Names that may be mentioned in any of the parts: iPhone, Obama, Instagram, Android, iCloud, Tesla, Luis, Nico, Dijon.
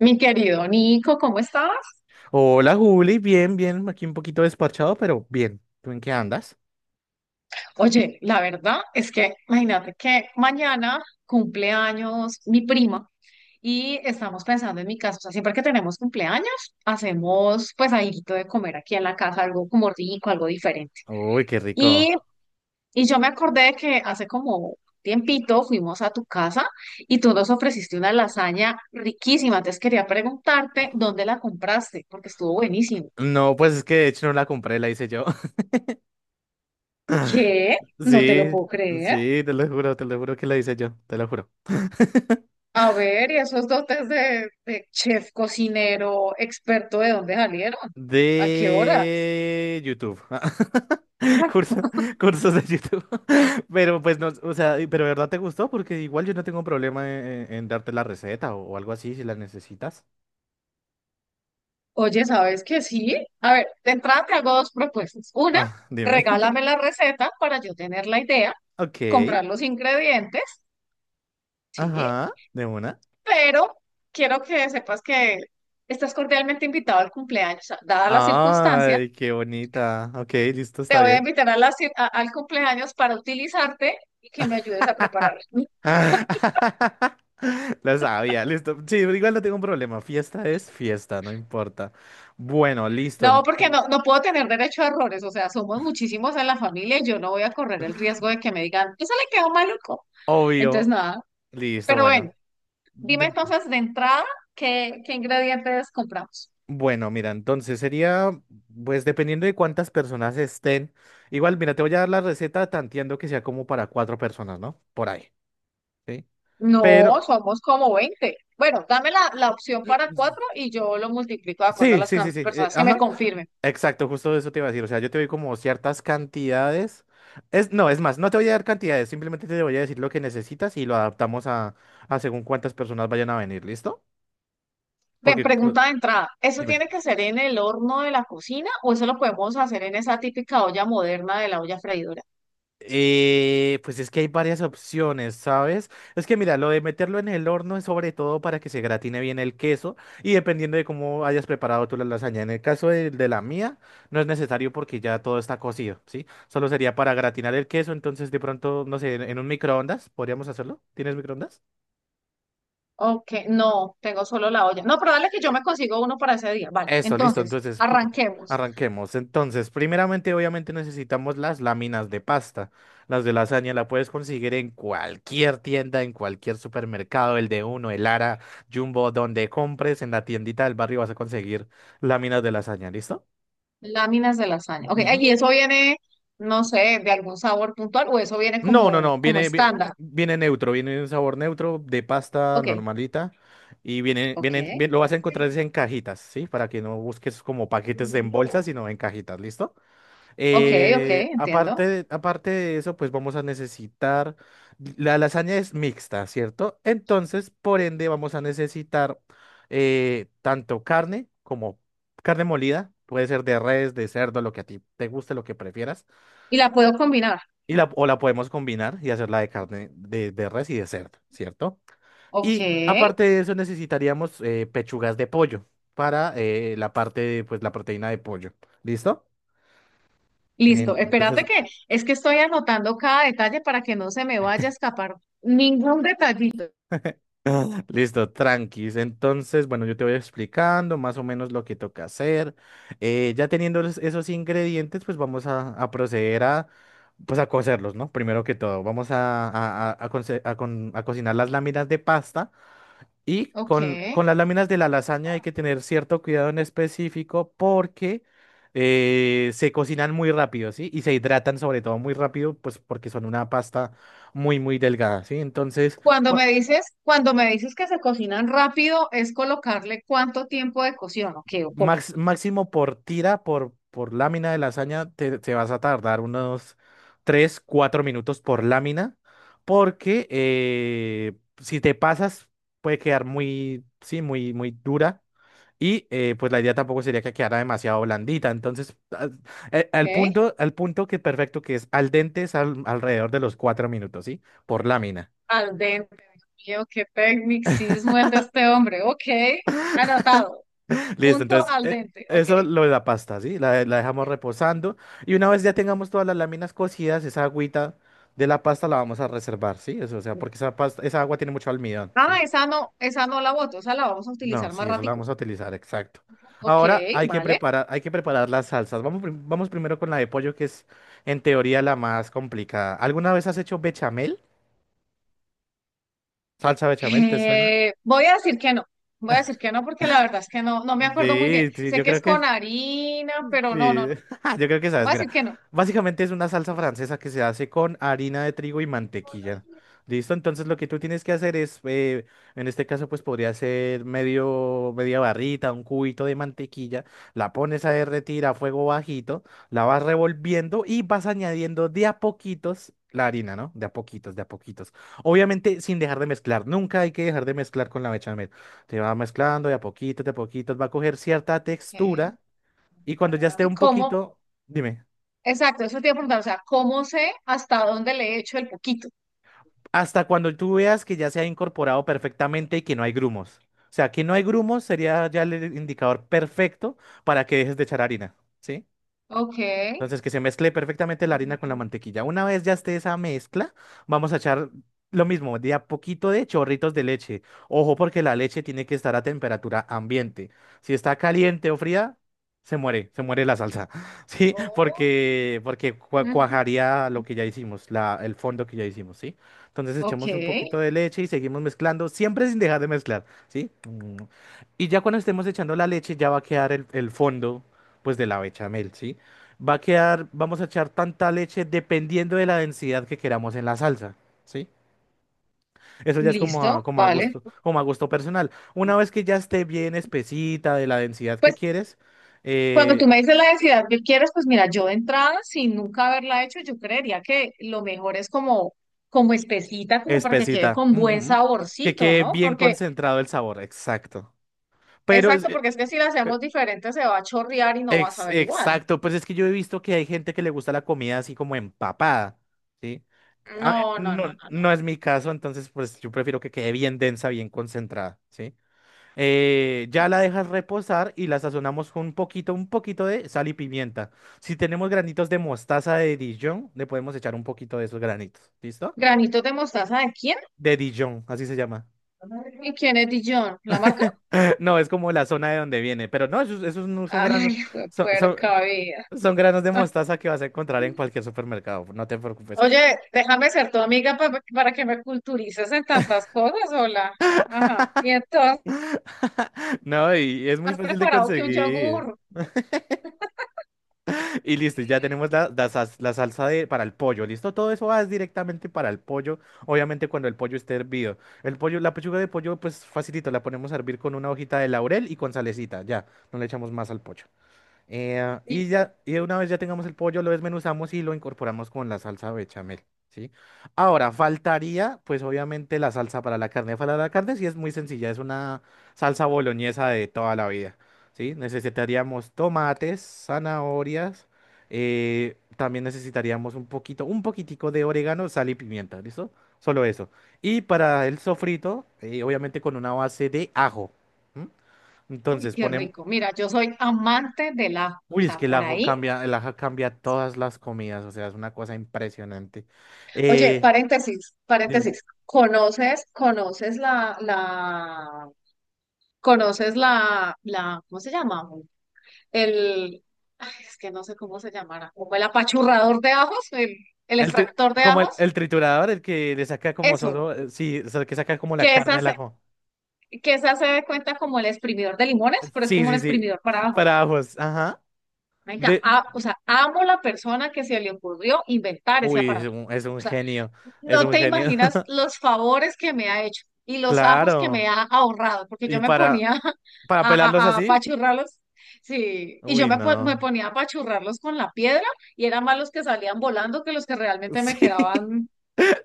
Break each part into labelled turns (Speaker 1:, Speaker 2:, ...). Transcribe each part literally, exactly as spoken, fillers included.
Speaker 1: Mi querido Nico, ¿cómo estás?
Speaker 2: Hola Juli, bien, bien, aquí un poquito despachado, pero bien. ¿Tú en qué andas?
Speaker 1: Oye, la verdad es que imagínate que mañana cumple años mi prima y estamos pensando en mi casa. O sea, siempre que tenemos cumpleaños, hacemos pues algo de comer aquí en la casa, algo como rico, algo diferente.
Speaker 2: Uy, qué rico.
Speaker 1: Y, y yo me acordé que hace como tiempito fuimos a tu casa y tú nos ofreciste una lasaña riquísima. Entonces quería preguntarte dónde la compraste, porque estuvo buenísimo.
Speaker 2: No, pues es que de hecho no la compré, la hice yo.
Speaker 1: ¿Qué? No te lo
Speaker 2: Sí,
Speaker 1: puedo creer.
Speaker 2: sí, te lo juro, te lo juro que la hice yo, te lo juro.
Speaker 1: A ver, ¿y esos dotes de, de chef, cocinero, experto, de dónde salieron? ¿A qué horas?
Speaker 2: De YouTube. Curso- cursos de YouTube. Pero pues no, o sea, y- pero de verdad te gustó porque igual yo no tengo problema en, en darte la receta o, o algo así si la necesitas.
Speaker 1: Oye, ¿sabes qué sí? A ver, de entrada te hago dos propuestas. Una,
Speaker 2: Ah, dime.
Speaker 1: regálame la receta para yo tener la idea,
Speaker 2: Ok.
Speaker 1: comprar los ingredientes, sí,
Speaker 2: Ajá, de una.
Speaker 1: pero quiero que sepas que estás cordialmente invitado al cumpleaños. O sea, dada la circunstancia,
Speaker 2: Ay, qué bonita. Ok, listo,
Speaker 1: te
Speaker 2: está
Speaker 1: voy a
Speaker 2: bien.
Speaker 1: invitar a la cir- a- al cumpleaños para utilizarte y que me ayudes a prepararlo.
Speaker 2: Lo sabía, listo. Sí, igual no tengo un problema. Fiesta es fiesta, no importa. Bueno, listo.
Speaker 1: No, porque
Speaker 2: enton-
Speaker 1: no, no puedo tener derecho a errores, o sea, somos muchísimos en la familia y yo no voy a correr el riesgo de que me digan, eso le quedó maluco. Entonces,
Speaker 2: Obvio.
Speaker 1: nada,
Speaker 2: Listo,
Speaker 1: pero
Speaker 2: bueno.
Speaker 1: bueno, dime
Speaker 2: De-
Speaker 1: entonces de entrada qué, qué ingredientes compramos.
Speaker 2: Bueno, mira, entonces sería, pues dependiendo de cuántas personas estén. Igual, mira, te voy a dar la receta tanteando que sea como para cuatro personas, ¿no? Por ahí. ¿Sí?
Speaker 1: No,
Speaker 2: Pero.
Speaker 1: somos como veinte. Bueno, dame la, la opción para cuatro y yo lo multiplico de acuerdo a
Speaker 2: Sí,
Speaker 1: las
Speaker 2: sí, sí,
Speaker 1: can-
Speaker 2: sí. Eh,
Speaker 1: personas que me
Speaker 2: ajá.
Speaker 1: confirmen.
Speaker 2: Exacto, justo eso te iba a decir. O sea, yo te doy como ciertas cantidades. Es, no, es más, no te voy a dar cantidades, simplemente te voy a decir lo que necesitas y lo adaptamos a, a según cuántas personas vayan a venir, ¿listo?
Speaker 1: Ven,
Speaker 2: Porque, pues.
Speaker 1: pregunta de entrada, ¿eso
Speaker 2: Dime.
Speaker 1: tiene que ser en el horno de la cocina o eso lo podemos hacer en esa típica olla moderna de la olla freidora?
Speaker 2: Eh, pues es que hay varias opciones, ¿sabes? Es que mira, lo de meterlo en el horno es sobre todo para que se gratine bien el queso y dependiendo de cómo hayas preparado tú la lasaña. En el caso de, de la mía, no es necesario porque ya todo está cocido, ¿sí? Solo sería para gratinar el queso, entonces de pronto, no sé, en, en un microondas, ¿podríamos hacerlo? ¿Tienes microondas?
Speaker 1: Ok, no, tengo solo la olla. No, pero dale que yo me consigo uno para ese día. Vale,
Speaker 2: Eso, listo.
Speaker 1: entonces,
Speaker 2: Entonces, pr-
Speaker 1: arranquemos.
Speaker 2: arranquemos. Entonces, primeramente, obviamente necesitamos las láminas de pasta. Las de lasaña la puedes conseguir en cualquier tienda, en cualquier supermercado, el de Uno, el Lara, Jumbo, donde compres, en la tiendita del barrio vas a conseguir láminas de lasaña, ¿listo?
Speaker 1: Láminas de lasaña. Ok,
Speaker 2: Ujú.
Speaker 1: y eso viene, no sé, de algún sabor puntual o eso viene
Speaker 2: No, no,
Speaker 1: como,
Speaker 2: no,
Speaker 1: como
Speaker 2: viene, vi-
Speaker 1: estándar.
Speaker 2: viene neutro, viene un sabor neutro de pasta
Speaker 1: Ok,
Speaker 2: normalita y viene,
Speaker 1: ok.
Speaker 2: viene, bien- lo vas a encontrar es en cajitas, ¿sí? Para que no busques como paquetes en bolsas, sino en cajitas, ¿listo?
Speaker 1: Ok, ok,
Speaker 2: Eh,
Speaker 1: entiendo.
Speaker 2: aparte de, aparte de eso, pues vamos a necesitar, la lasaña es mixta, ¿cierto? Entonces, por ende, vamos a necesitar eh, tanto carne como carne molida, puede ser de res, de cerdo, lo que a ti te guste, lo que prefieras,
Speaker 1: Y la puedo combinar.
Speaker 2: y la, o la podemos combinar y hacerla de carne de, de res y de cerdo, ¿cierto?
Speaker 1: Ok,
Speaker 2: Y aparte de eso, necesitaríamos eh, pechugas de pollo para eh, la parte, pues la proteína de pollo, ¿listo?
Speaker 1: listo. Espérate
Speaker 2: Entonces.
Speaker 1: que es que estoy anotando cada detalle para que no se me vaya a escapar ningún detallito.
Speaker 2: Listo, tranquis. Entonces, bueno, yo te voy explicando más o menos lo que toca hacer. Eh, ya teniendo los- esos ingredientes, pues vamos a, a proceder a, pues a cocerlos, ¿no? Primero que todo, vamos a, a- a- a conce- a con- a cocinar las láminas de pasta y
Speaker 1: Ok.
Speaker 2: con, con las láminas de la lasaña hay que tener cierto cuidado en específico porque eh, se cocinan muy rápido, ¿sí? Y se hidratan sobre todo muy rápido, pues porque son una pasta muy, muy delgada, ¿sí? Entonces.
Speaker 1: Cuando me dices, cuando me dices que se cocinan rápido, es colocarle cuánto tiempo de cocción, ok, ok.
Speaker 2: Max- máximo por tira, por, por lámina de lasaña, te, te vas a tardar unos tres cuatro minutos por lámina, porque eh, si te pasas puede quedar muy, sí, muy, muy dura. Y eh, pues la idea tampoco sería que quedara demasiado blandita. Entonces, al, eh, al punto, al punto que perfecto que es al dente es al- alrededor de los cuatro minutos, ¿sí? Por lámina.
Speaker 1: Al dente, mío, qué tecnicismo el de este hombre, ok. Anotado,
Speaker 2: Listo,
Speaker 1: punto
Speaker 2: entonces,
Speaker 1: al
Speaker 2: eh,
Speaker 1: dente, ok.
Speaker 2: eso lo de la pasta, ¿sí? La, de- la dejamos reposando. Y una vez ya tengamos todas las láminas cocidas, esa agüita de la pasta la vamos a reservar, ¿sí? Eso, o sea, porque esa pasta, esa agua tiene mucho almidón, ¿sí?
Speaker 1: Ah, esa no, esa no la voto, esa la vamos a
Speaker 2: No,
Speaker 1: utilizar
Speaker 2: sí,
Speaker 1: más
Speaker 2: eso la
Speaker 1: ratico.
Speaker 2: vamos a utilizar, exacto.
Speaker 1: Ok,
Speaker 2: Ahora hay que
Speaker 1: vale.
Speaker 2: preparar, hay que preparar las salsas. Vamos, prim- vamos primero con la de pollo, que es en teoría la más complicada. ¿Alguna vez has hecho bechamel? ¿Salsa bechamel? ¿Te suena?
Speaker 1: Eh, voy a decir que no, voy a decir que no porque la verdad es que no, no me acuerdo muy bien.
Speaker 2: Sí, sí,
Speaker 1: Sé
Speaker 2: yo
Speaker 1: que
Speaker 2: creo
Speaker 1: es
Speaker 2: que.
Speaker 1: con harina, pero no, no,
Speaker 2: Sí,
Speaker 1: no.
Speaker 2: yo creo que sabes,
Speaker 1: Voy a
Speaker 2: mira,
Speaker 1: decir que no.
Speaker 2: básicamente es una salsa francesa que se hace con harina de trigo y mantequilla. ¿Listo? Entonces lo que tú tienes que hacer es, eh, en este caso pues podría ser medio, media barrita, un cubito de mantequilla, la pones a derretir a fuego bajito, la vas revolviendo y vas añadiendo de a poquitos la harina, ¿no? De a poquitos, de a poquitos. Obviamente sin dejar de mezclar, nunca hay que dejar de mezclar con la bechamel. Te va mezclando de a poquitos, de a poquitos, va a coger cierta textura
Speaker 1: Ok.
Speaker 2: y cuando ya esté
Speaker 1: ¿Y
Speaker 2: un
Speaker 1: cómo?
Speaker 2: poquito. Dime,
Speaker 1: Exacto, eso te iba a preguntar, o sea, ¿cómo sé hasta dónde le he hecho el poquito?
Speaker 2: hasta cuando tú veas que ya se ha incorporado perfectamente y que no hay grumos. O sea, que no hay grumos sería ya el indicador perfecto para que dejes de echar harina, ¿sí?
Speaker 1: Ok.
Speaker 2: Entonces, que se mezcle perfectamente la harina con la
Speaker 1: Uy.
Speaker 2: mantequilla. Una vez ya esté esa mezcla, vamos a echar lo mismo, de a poquito de chorritos de leche. Ojo, porque la leche tiene que estar a temperatura ambiente. Si está caliente o fría, se muere, se muere la salsa. ¿Sí? Porque, porque cua-
Speaker 1: Ujú.
Speaker 2: cuajaría lo que ya hicimos, la, el fondo que ya hicimos, ¿sí? Entonces,
Speaker 1: Ok,
Speaker 2: echamos un poquito de leche y seguimos mezclando, siempre sin dejar de mezclar, ¿sí? Mm. Y ya cuando estemos echando la leche, ya va a quedar el, el fondo, pues, de la bechamel, ¿sí? Va a quedar, vamos a echar tanta leche dependiendo de la densidad que queramos en la salsa, ¿sí? Eso ya es como a,
Speaker 1: listo,
Speaker 2: como a
Speaker 1: vale.
Speaker 2: gusto, como a gusto personal. Una vez que ya esté bien espesita de la densidad que
Speaker 1: Pues
Speaker 2: quieres,
Speaker 1: cuando tú
Speaker 2: eh,
Speaker 1: me dices la densidad que quieres, pues mira, yo de entrada, sin nunca haberla hecho, yo creería que lo mejor es como, como espesita, como para que quede
Speaker 2: espesita,
Speaker 1: con buen
Speaker 2: ujú, que
Speaker 1: saborcito,
Speaker 2: quede
Speaker 1: ¿no?
Speaker 2: bien
Speaker 1: Porque,
Speaker 2: concentrado el sabor, exacto. Pero es,
Speaker 1: exacto,
Speaker 2: eh,
Speaker 1: porque es que si la
Speaker 2: eh,
Speaker 1: hacemos diferente se va a chorrear y no vas a
Speaker 2: ex-
Speaker 1: ver igual.
Speaker 2: exacto, pues es que yo he visto que hay gente que le gusta la comida así como empapada, ¿sí? A-
Speaker 1: No, no, no,
Speaker 2: no,
Speaker 1: no, no.
Speaker 2: no es mi caso, entonces pues yo prefiero que quede bien densa, bien concentrada, ¿sí? Eh, ya la dejas reposar y la sazonamos con un poquito, un poquito de sal y pimienta. Si tenemos granitos de mostaza de Dijon, le podemos echar un poquito de esos granitos. ¿Listo?
Speaker 1: ¿Granitos de mostaza de quién?
Speaker 2: De Dijon, así se llama.
Speaker 1: ¿Y quién es Dijon? ¿La marca?
Speaker 2: No, es como la zona de donde viene, pero no, esos, esos no son granos,
Speaker 1: Ay, fue
Speaker 2: son, son,
Speaker 1: puerca vida.
Speaker 2: son granos de mostaza que vas a encontrar en cualquier supermercado, no te preocupes.
Speaker 1: Oye, déjame ser tu amiga pa- para que me culturices en tantas cosas, hola. Ajá. Y entonces,
Speaker 2: No, y es muy
Speaker 1: ¿has
Speaker 2: fácil de
Speaker 1: preparado que un
Speaker 2: conseguir.
Speaker 1: yogur?
Speaker 2: Y listo, ya tenemos la, la sas- la salsa de, para el pollo. ¿Listo? Todo eso va directamente para el pollo. Obviamente cuando el pollo esté hervido. El pollo, la pechuga de pollo, pues facilito, la ponemos a hervir con una hojita de laurel y con salecita. Ya, no le echamos más al pollo. Eh, y
Speaker 1: Listo.
Speaker 2: ya, y una vez ya tengamos el pollo, lo desmenuzamos y lo incorporamos con la salsa bechamel, ¿sí? Ahora, faltaría, pues obviamente, la salsa para la carne. Para la carne sí es muy sencilla, es una salsa boloñesa de toda la vida, ¿sí? Necesitaríamos tomates, zanahorias, eh, también necesitaríamos un poquito, un poquitico de orégano, sal y pimienta, ¿listo? Solo eso. Y para el sofrito, eh, obviamente con una base de ajo. ¿M?
Speaker 1: Uy,
Speaker 2: Entonces.
Speaker 1: qué
Speaker 2: ponem-
Speaker 1: rico. Mira, yo soy amante del ajo. O
Speaker 2: Uy, es
Speaker 1: sea,
Speaker 2: que el
Speaker 1: por
Speaker 2: ajo
Speaker 1: ahí.
Speaker 2: cambia, el ajo cambia todas las comidas, o sea, es una cosa impresionante.
Speaker 1: Oye,
Speaker 2: Eh,
Speaker 1: paréntesis,
Speaker 2: Dime,
Speaker 1: paréntesis. ¿Conoces, conoces la, la, conoces la, la, ¿cómo se llama? El, ay, es que no sé cómo se llamará, como el apachurrador de ajos, el, el
Speaker 2: el tri-
Speaker 1: extractor de
Speaker 2: como el,
Speaker 1: ajos,
Speaker 2: el triturador, el que le saca como
Speaker 1: eso,
Speaker 2: solo, eh, sí, o sea, el que saca como la
Speaker 1: que
Speaker 2: carne
Speaker 1: esa,
Speaker 2: del
Speaker 1: se-
Speaker 2: ajo.
Speaker 1: que esa se dé cuenta como el exprimidor de limones,
Speaker 2: Eh,
Speaker 1: pero es
Speaker 2: Sí,
Speaker 1: como un
Speaker 2: sí, sí,
Speaker 1: exprimidor para
Speaker 2: para
Speaker 1: ajos.
Speaker 2: ajos, ajá.
Speaker 1: Venga,
Speaker 2: De,
Speaker 1: a- o sea, amo la persona que se le ocurrió inventar ese
Speaker 2: Uy, es
Speaker 1: aparato.
Speaker 2: un, es
Speaker 1: O
Speaker 2: un
Speaker 1: sea,
Speaker 2: genio, es
Speaker 1: no
Speaker 2: un
Speaker 1: te
Speaker 2: genio,
Speaker 1: imaginas los favores que me ha hecho y los ajos que me
Speaker 2: claro.
Speaker 1: ha ahorrado, porque
Speaker 2: Y
Speaker 1: yo me
Speaker 2: para,
Speaker 1: ponía
Speaker 2: para
Speaker 1: a,
Speaker 2: pelarlos
Speaker 1: a, a
Speaker 2: así,
Speaker 1: apachurrarlos, sí, y yo
Speaker 2: uy,
Speaker 1: me, po- me
Speaker 2: no,
Speaker 1: ponía a apachurrarlos con la piedra y eran más los que salían volando que los que realmente me
Speaker 2: sí.
Speaker 1: quedaban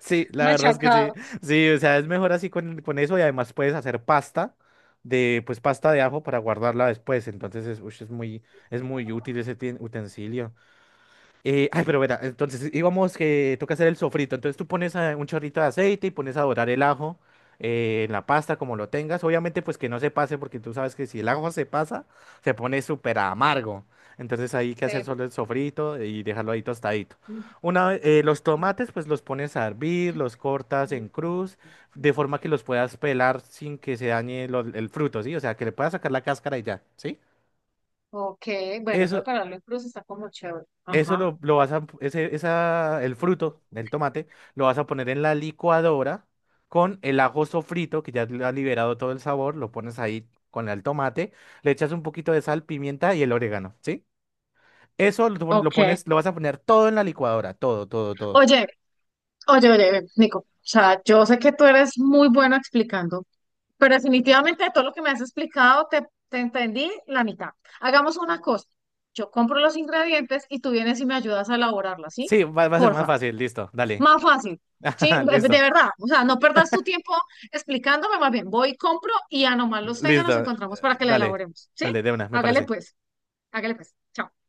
Speaker 2: Sí, la verdad es que sí.
Speaker 1: machacados.
Speaker 2: Sí, o sea, es mejor así con, con eso y además puedes hacer pasta de, pues pasta de ajo para guardarla después. Entonces es, ush, es muy, es muy útil ese tien- utensilio. Eh, ay, pero verá, entonces íbamos que toca hacer el sofrito. Entonces tú pones eh, un chorrito de aceite y pones a dorar el ajo eh, en la pasta como lo tengas. Obviamente pues que no se pase porque tú sabes que si el ajo se pasa se pone súper amargo. Entonces hay que hacer
Speaker 1: Eh,
Speaker 2: solo el sofrito y dejarlo ahí tostadito. Una vez, eh, los tomates pues los pones a hervir, los cortas en cruz de forma que los puedas pelar sin que se dañe lo- el fruto, ¿sí? O sea, que le puedas sacar la cáscara y ya, ¿sí?
Speaker 1: Ok, bueno, eso de
Speaker 2: Eso,
Speaker 1: pararlo en cruz está como chévere.
Speaker 2: eso
Speaker 1: Ajá.
Speaker 2: lo, lo vas a, ese, esa, el fruto del tomate, lo vas a poner en la licuadora con el ajo sofrito, que ya le ha liberado todo el sabor, lo pones ahí con el tomate, le echas un poquito de sal, pimienta y el orégano, ¿sí? Eso lo, pon- lo
Speaker 1: Ok.
Speaker 2: pones, lo vas a poner todo en la licuadora, todo, todo, todo.
Speaker 1: Oye, oye, oye, Nico, o sea, yo sé que tú eres muy bueno explicando. Pero definitivamente de todo lo que me has explicado, te, te entendí la mitad. Hagamos una cosa. Yo compro los ingredientes y tú vienes y me ayudas a elaborarla, ¿sí?
Speaker 2: Sí, va, va a ser más
Speaker 1: Porfa.
Speaker 2: fácil, listo, dale.
Speaker 1: Más fácil. Sí, de de
Speaker 2: Listo,
Speaker 1: verdad. O sea, no perdas tu tiempo explicándome, más bien voy, compro y a nomás los tenga, nos
Speaker 2: listo, eh,
Speaker 1: encontramos para que la
Speaker 2: dale,
Speaker 1: elaboremos. ¿Sí?
Speaker 2: dale, de una, me
Speaker 1: Hágale
Speaker 2: parece.
Speaker 1: pues. Hágale pues. Chao.